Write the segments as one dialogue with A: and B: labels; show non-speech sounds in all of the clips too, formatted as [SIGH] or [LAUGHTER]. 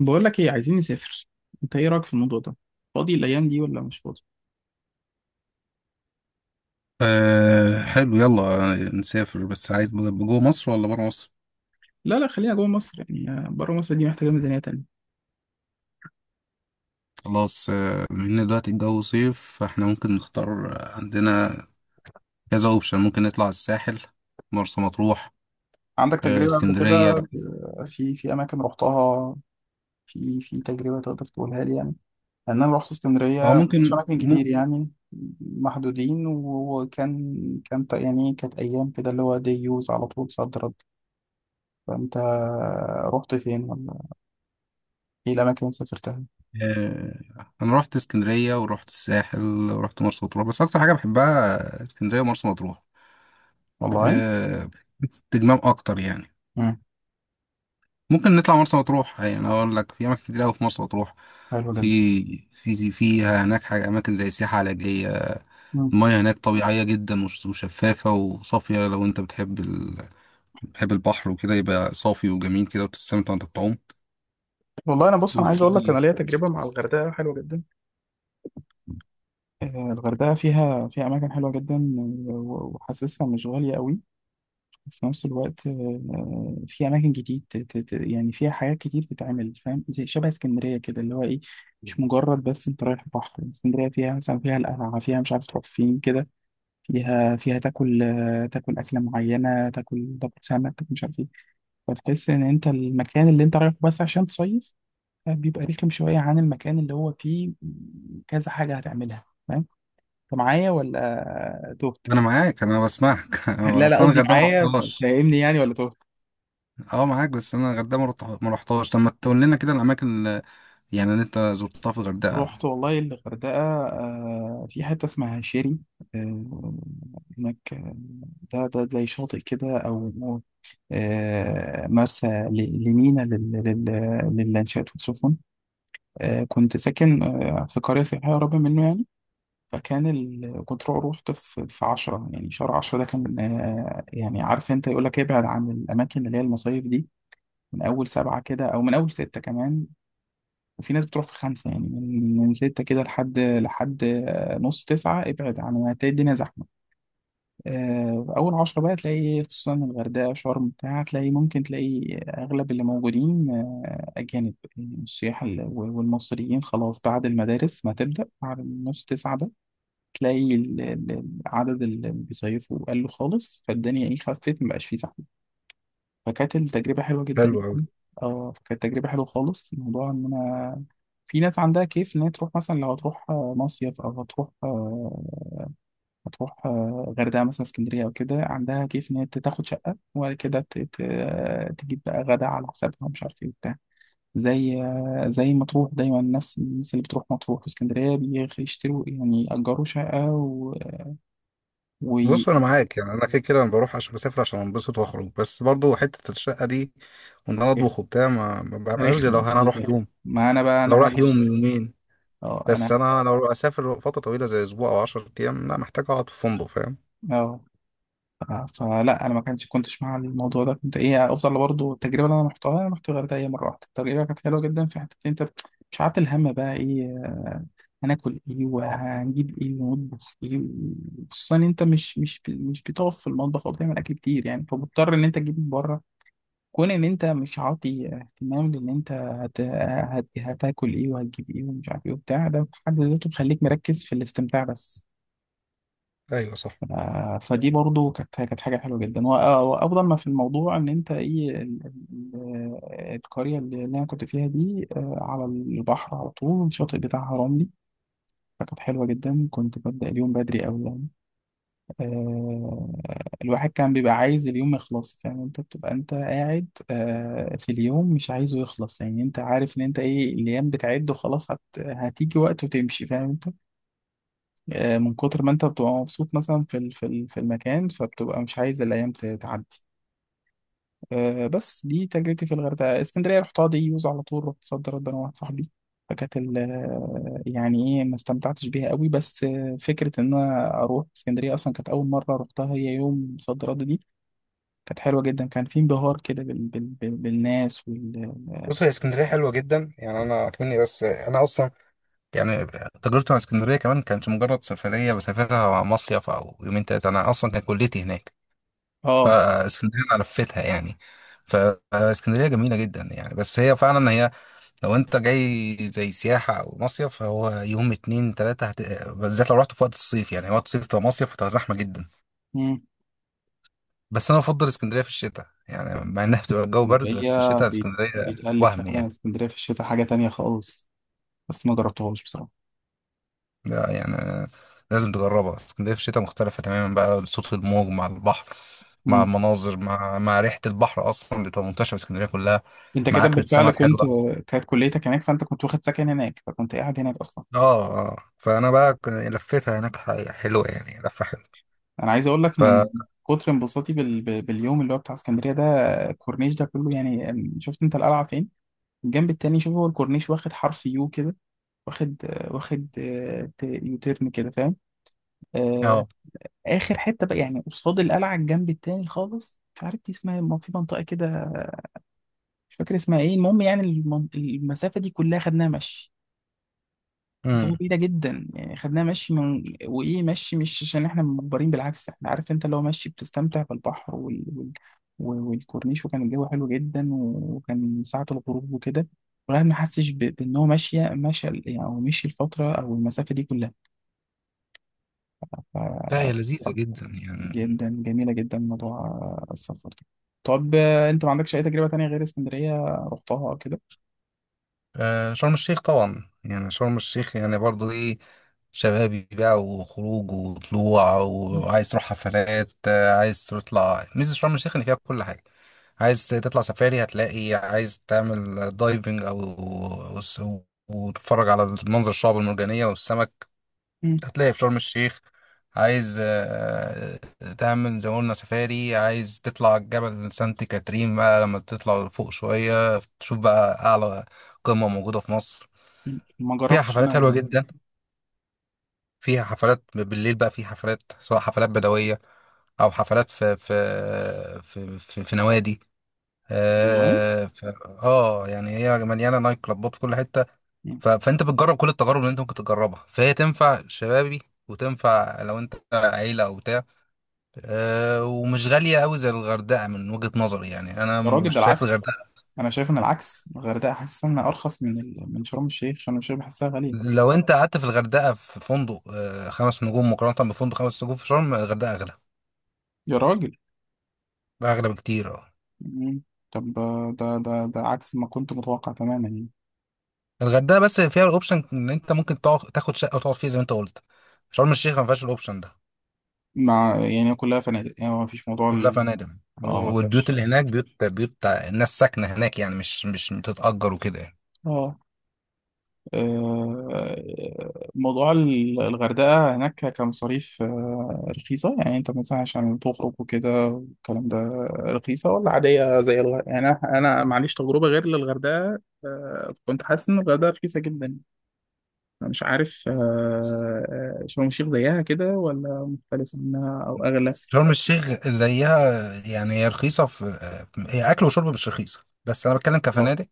A: بقول لك ايه، عايزين نسافر. انت ايه رايك في الموضوع ده؟ فاضي الايام دي ولا مش فاضي؟
B: أه، حلو، يلا نسافر. بس عايز جوه مصر ولا بره مصر؟
A: لا، لا، خلينا جوه مصر، يعني بره مصر دي محتاجه ميزانيه تانية.
B: خلاص. بما ان دلوقتي الجو صيف، فاحنا ممكن نختار. عندنا كذا اوبشن. ممكن نطلع الساحل، مرسى مطروح.
A: عندك تجربة قبل
B: اسكندرية.
A: كده في أماكن رحتها؟ في تجربة تقدر تقولها لي يعني؟ لأن أنا رحت
B: اه
A: اسكندرية، مش
B: ممكن
A: أماكن كتير
B: مو
A: يعني، محدودين، و- وكان، كانت أيام كده اللي هو دي يوز على طول صد رد. فأنت رحت فين، ولا إيه الأماكن اللي سافرتها؟
B: آه، انا رحت اسكندرية ورحت الساحل ورحت مرسى مطروح، بس اكتر حاجة بحبها اسكندرية ومرسى مطروح.
A: والله.
B: أه، استجمام اكتر يعني.
A: مم.
B: ممكن نطلع مرسى مطروح. يعني اقول لك، في اماكن كتير قوي في مرسى مطروح.
A: حلو جدا.
B: في فيها هناك حاجة أماكن زي سياحة علاجية. المياه هناك طبيعية جدا وشفافة وصافية. لو أنت بتحب بتحب البحر وكده، يبقى صافي وجميل كده وتستمتع وأنت بتعوم.
A: والله انا، بص، انا عايز
B: وفي
A: اقول لك، انا ليا تجربه مع الغردقه حلوه جدا. الغردقه فيها اماكن حلوه جدا، آه، و- وحاسسها مش غاليه قوي. وفي نفس الوقت في اماكن جديد يعني فيها حاجات كتير تتعمل، فاهم؟ زي شبه اسكندريه كده، اللي هو ايه، مش مجرد بس انت رايح بحر. اسكندريه فيها مثلا، فيها القلعه، فيها مش عارف تروح فين كده، فيها تاكل، تاكل اكله معينه، تاكل تاكل سمك، تاكل مش عارف ايه. فتحس ان انت المكان اللي انت رايحه بس عشان تصيف بيبقى رخم شوية عن المكان اللي هو فيه كذا حاجة هتعملها، فاهم؟ انت معايا ولا تهت؟
B: [LAUGHS] أنا معاك، أنا بسمعك. [LAUGHS] أنا
A: لا، لا،
B: أصل أنا
A: قصدي
B: الغردقة ما
A: معايا،
B: رحتهاش.
A: فاهمني يعني ولا تهت؟
B: أه، معاك، بس أنا الغردقة ما رحتهاش. طب ما تقول لنا كده الأماكن اللي أنت زرتها في
A: رحت
B: الغردقة.
A: والله الغردقة. في حتة اسمها شيري آه، هناك، ده زي شاطئ كده، أو مرسى، لمينا، للانشاءات والسفن. كنت ساكن في قرية سياحية قريبة منه يعني. كنت رحت في 10، يعني شهر 10، ده كان يعني، عارف انت، يقول لك ابعد عن الاماكن اللي هي المصايف دي من اول 7 كده او من اول 6 كمان. وفي ناس بتروح في 5 يعني، من 6 كده لحد نص 9. ابعد عن، هتلاقي الدنيا زحمه. اول 10 بقى، تلاقي خصوصا الغردقه، شرم بتاع، تلاقي، ممكن تلاقي اغلب اللي موجودين اجانب يعني، السياح، والمصريين خلاص، بعد المدارس ما تبدا، بعد نص 9، تلاقي العدد اللي بيصيفوا قل خالص، فالدنيا ايه، خفت، مبقاش فيه زحمه. فكانت التجربه حلوه جدا
B: حلو أوي.
A: يعني. اه، فكانت تجربه حلوه خالص. الموضوع ان انا، في ناس عندها كيف ان هي تروح، مثلا لو هتروح مصيف، او هتروح غردقه مثلا، اسكندريه او كده، عندها كيف ان هي تاخد شقه، وبعد كده تجيب بقى غدا على حسابها، مش عارف ايه وبتاع. زي زي مطروح دايما، الناس اللي بتروح مطروح واسكندريه بيشتروا يعني، يأجروا شقه و...
B: بص،
A: ويخلوا.
B: انا معاك. يعني انا كده كده انا بروح عشان بسافر، عشان انبسط واخرج. بس برضو حته الشقه دي، وان انا اطبخ وبتاع، ما بعملهاش غير لو
A: رخمة
B: انا اروح
A: بالظبط.
B: يوم،
A: ما انا بقى
B: لو
A: انا هذا
B: رايح يوم
A: الشخص.
B: يومين.
A: اه، انا.
B: بس انا لو اسافر فتره طويله زي اسبوع او 10 ايام، لا، محتاج اقعد في فندق، فاهم؟
A: اه. ف- فلا، انا ما كانش كنتش مع الموضوع ده، كنت ايه، افضل برضه التجربه اللي انا رحتها. انا رحت الغردقه هي مره واحده، التجربه كانت حلوه جدا، في حته إن انت مش عارف الهم بقى ايه، هناكل ايه، وهنجيب ايه، ونطبخ ايه، خصوصا إن انت مش بتقف في المطبخ او بتعمل اكل كتير يعني، فمضطر ان انت تجيب من بره. كون ان انت مش عاطي اهتمام لان انت هتاكل ايه، وهتجيب ايه، ومش عارف ايه وبتاع، ده في حد ذاته بيخليك مركز في الاستمتاع بس.
B: ايوه، صح.
A: ف... فدي برضو كانت حاجه حلوه جدا. وافضل ما في الموضوع ان انت ايه ال... القريه اللي انا كنت فيها دي على البحر، على طول الشاطئ بتاعها رملي. فكانت حلوه جدا، كنت ببدا اليوم بدري قوي. آه، الواحد كان بيبقى عايز اليوم يخلص، فاهم انت؟ بتبقى انت قاعد في اليوم مش عايزه يخلص، لان انت عارف ان انت ايه، الايام بتعد وخلاص، هتيجي وقت وتمشي، فاهم انت؟ من كتر ما انت بتبقى مبسوط مثلا في في المكان، فبتبقى مش عايز الايام تعدي. بس دي تجربتي في الغردقه. اسكندريه رحتها دي يوز على طول، رحت صد رد انا واحد صاحبي. فكانت يعني ايه، ما استمتعتش بيها قوي، بس فكره ان انا اروح اسكندريه اصلا، كانت اول مره رحتها هي يوم صد رد دي، كانت حلوة جدا، كان في انبهار كده بالناس
B: بص، هي اسكندريه حلوه جدا يعني. انا اكمني، بس انا اصلا يعني تجربتي مع اسكندريه كمان كانت مجرد سفريه بسافرها مع مصيف او يومين تلاته. انا اصلا كان كليتي هناك،
A: اه.
B: فاسكندريه انا لفيتها يعني. فاسكندريه جميله جدا يعني. بس هي فعلا هي، لو انت جاي زي سياحة او مصيف، فهو يوم اتنين تلاتة بالذات لو رحت في وقت الصيف. يعني وقت الصيف تبقى مصيف وتبقى زحمة جدا.
A: مم.
B: بس انا بفضل اسكندرية في الشتاء، يعني مع انها بتبقى الجو برد، بس
A: اسكندرية
B: الشتاء اسكندرية
A: بيتقال لي
B: وهم
A: فعلا
B: يعني.
A: اسكندرية في الشتاء حاجة تانية خالص، بس ما جربتهاش بصراحة.
B: لا يعني، لازم تجربها. اسكندرية في الشتاء مختلفة تماما بقى، صوت الموج مع البحر، مع
A: مم.
B: المناظر، مع مع ريحة البحر اصلا بتبقى منتشرة في اسكندرية كلها،
A: انت
B: مع
A: كده
B: اكلة
A: بالفعل
B: سمك
A: كنت،
B: حلوة.
A: كانت كليتك هناك، فانت كنت واخد سكن هناك، فكنت قاعد هناك اصلا.
B: اه اه، فانا بقى لفيتها هناك، حلوة يعني، لفة حلوة.
A: انا عايز اقول لك
B: ف
A: من كتر انبساطي باليوم اللي هو بتاع اسكندرية ده، الكورنيش ده كله يعني، شفت انت القلعة فين؟ الجنب التاني، شوف، هو الكورنيش واخد حرف يو كده، واخد واخد يوتيرن كده، فاهم؟ آه، اخر حته بقى يعني قصاد القلعه الجنب التاني خالص، مش عارف دي اسمها إيه، ما في منطقه كده، مش فاكر اسمها ايه. المهم يعني المسافه دي كلها خدناها مشي، مسافه
B: اه
A: بعيده جدا يعني. خدناها مشي من وايه، مشي، مش عشان احنا مجبرين، بالعكس، احنا عارف انت، لو مشي بتستمتع بالبحر والكورنيش، وكان الجو حلو جدا، وكان ساعه الغروب وكده، والواحد ما حسش بان هو ماشي يعني، او مشي الفتره او المسافه دي
B: لا، هي
A: كلها.
B: لذيذة جدا يعني.
A: جدا، جميلة جدا موضوع السفر ده. طب انت ما عندكش اي تجربة تانية غير اسكندرية رحتها او كده؟
B: شرم الشيخ طبعا يعني. شرم الشيخ يعني برضه ايه، شبابي بقى، وخروج وطلوع، وعايز تروح حفلات. عايز تطلع، ميزة شرم الشيخ ان فيها كل حاجة. عايز تطلع سفاري، هتلاقي. عايز تعمل دايفنج او وس- وتتفرج على المنظر، الشعب المرجانية والسمك،
A: مم.
B: هتلاقي في شرم الشيخ. عايز تعمل زي ما قلنا سفاري. عايز تطلع جبل سانت كاترين بقى، لما تطلع لفوق شوية تشوف بقى أعلى قمة موجودة في مصر.
A: مم. ما
B: فيها
A: جربتش. لا،
B: حفلات حلوة
A: لا.
B: جدا، فيها حفلات بالليل بقى. في حفلات، سواء حفلات بدوية أو حفلات في نوادي.
A: والله.
B: آه, ف... اه، يعني هي مليانه نايت كلابات في كل حته.
A: مم.
B: فانت بتجرب كل التجارب اللي انت ممكن تجربها، فهي تنفع شبابي وتنفع لو انت عيله او بتاع. أه، ومش غالية أوي زي الغردقة من وجهة نظري يعني. أنا
A: يا راجل،
B: مش
A: ده
B: شايف
A: العكس،
B: الغردقة،
A: انا شايف ان العكس، الغردقة حاسس انها ارخص من من شرم الشيخ، شرم الشيخ بحسها غالية.
B: لو أنت قعدت في الغردقة في فندق خمس نجوم، مقارنة بفندق خمس نجوم في شرم، الغردقة أغلى،
A: يا راجل.
B: أغلى بكتير، أه.
A: مم. طب ده عكس ما كنت متوقع تماما يعني.
B: الغردقة بس فيها الأوبشن إن أنت ممكن تقعد، تاخد شقة وتقعد فيها زي ما أنت قلت. شرم الشيخ ما فيهاش الأوبشن ده،
A: مع يعني كلها فنادق يعني، ما فيش موضوع
B: كلها فنادق. و-
A: اه، ما
B: والبيوت
A: فيش.
B: اللي هناك بيوت، بيوت الناس ساكنة هناك يعني، مش بتتأجر وكده يعني.
A: اه. آه، موضوع الغردقة هناك كمصاريف، رخيصة يعني، انت مثلا عشان تخرج وكده والكلام ده، رخيصة ولا عادية زي الغردقة يعني؟ انا، معليش، تجربة غير للغردقة، كنت حاسس ان الغردقة رخيصة جدا، أنا مش عارف شرم الشيخ زيها كده ولا مختلفة منها او اغلى؟
B: شرم الشيخ زيها يعني. هي رخيصة في، هي أكل وشرب مش رخيصة، بس أنا بتكلم
A: اه،
B: كفنادق،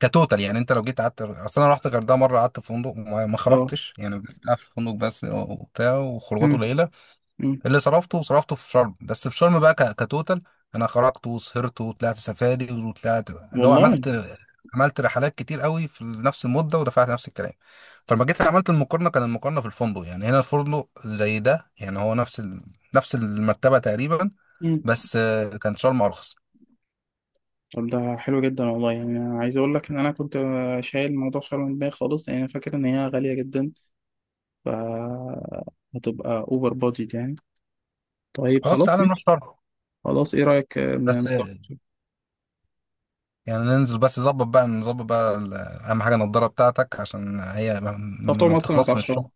B: كتوتال يعني. انت لو جيت قعدت، اصل انا رحت الغردقه مره، قعدت في فندق وما ما
A: اه.
B: خرجتش يعني. قعدت في الفندق بس وبتاع، وخروجات
A: أمم.
B: قليله.
A: أمم.
B: اللي صرفته صرفته في شرم، بس في شرم بقى كتوتال، انا خرجت وسهرت وطلعت سفاري، وطلعت، اللي هو
A: والله.
B: عملت رحلات كتير قوي في نفس المده، ودفعت نفس الكلام. فلما جيت عملت المقارنه، كان المقارنه في الفندق يعني، هنا الفندق زي ده يعني، هو نفس نفس المرتبه تقريبا، بس كان شرم ارخص.
A: طب ده حلو جدا والله يعني. أنا عايز اقول لك ان انا كنت شايل الموضوع، شايل من دماغي خالص، لان انا فاكر ان هي غاليه جدا. ف هتبقى اوفر بادجت يعني. طيب
B: خلاص،
A: خلاص،
B: تعالى نروح
A: ماشي.
B: شرم.
A: خلاص، ايه رايك
B: بس
A: ان،
B: يعني ننزل، بس نظبط بقى، اهم حاجه النضاره بتاعتك، عشان هي
A: تعرف تعوم
B: ما
A: اصلا ولا ما
B: بتخلصش من
A: تعرفش تعوم؟
B: الشغل.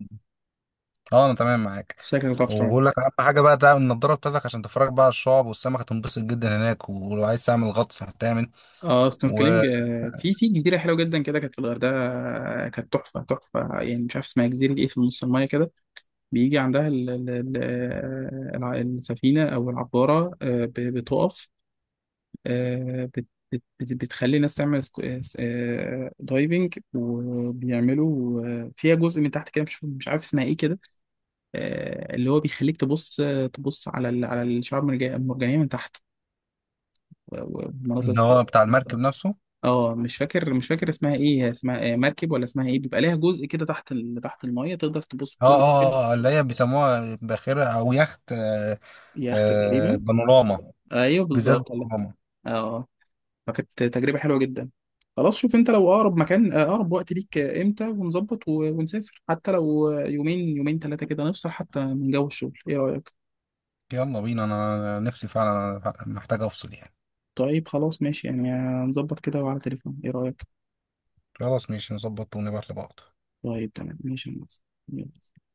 B: اه، انا تمام معاك.
A: شكلك ما تعرفش تعوم.
B: وبقول لك، اهم حاجه بقى تعمل النضاره بتاعتك عشان تتفرج بقى على الشعب والسمك، هتنبسط جدا هناك. ولو عايز تعمل غطس هتعمل،
A: اه، سنوركلينج.
B: واللي
A: في جزيره حلوه جدا كده كانت في الغردقه، كانت تحفه، تحفه يعني، مش عارف اسمها جزيره ايه، في نص المايه كده. بيجي عندها السفينه او العباره، بتقف، آه، بت بت بت بتخلي الناس تعمل دايفنج، وبيعملوا فيها جزء من تحت كده، مش عارف اسمها ايه كده، اللي هو بيخليك تبص، تبص على على الشعاب المرجانية من تحت، ومناظر
B: هو بتاع المركب نفسه.
A: اه، مش فاكر اسمها ايه هي، اسمها مركب ولا اسمها ايه، بيبقى ليها جزء كده تحت تحت المية، تقدر تبص
B: اه
A: بكل
B: اه
A: كويس.
B: اه، اللي هي بيسموها باخره او يخت.
A: يخت
B: آه،
A: تقريبا.
B: بانوراما.
A: ايوه،
B: بزاز
A: بالظبط والله.
B: بانوراما.
A: اه. فكانت تجربة حلوة جدا. خلاص، شوف انت لو اقرب مكان، اقرب وقت ليك امتى، ونظبط ونسافر، حتى لو يومين، يومين ثلاثة كده، نفصل حتى من جو الشغل. ايه رأيك؟
B: يلا بينا، انا نفسي فعلا. أنا محتاج افصل يعني.
A: طيب خلاص، ماشي يعني، هنظبط كده وعلى تليفون. ايه رأيك؟
B: خلاص، ماشي، نظبط ونبعت لبعض.
A: طيب، تمام، ماشي يا هندسة. يلا.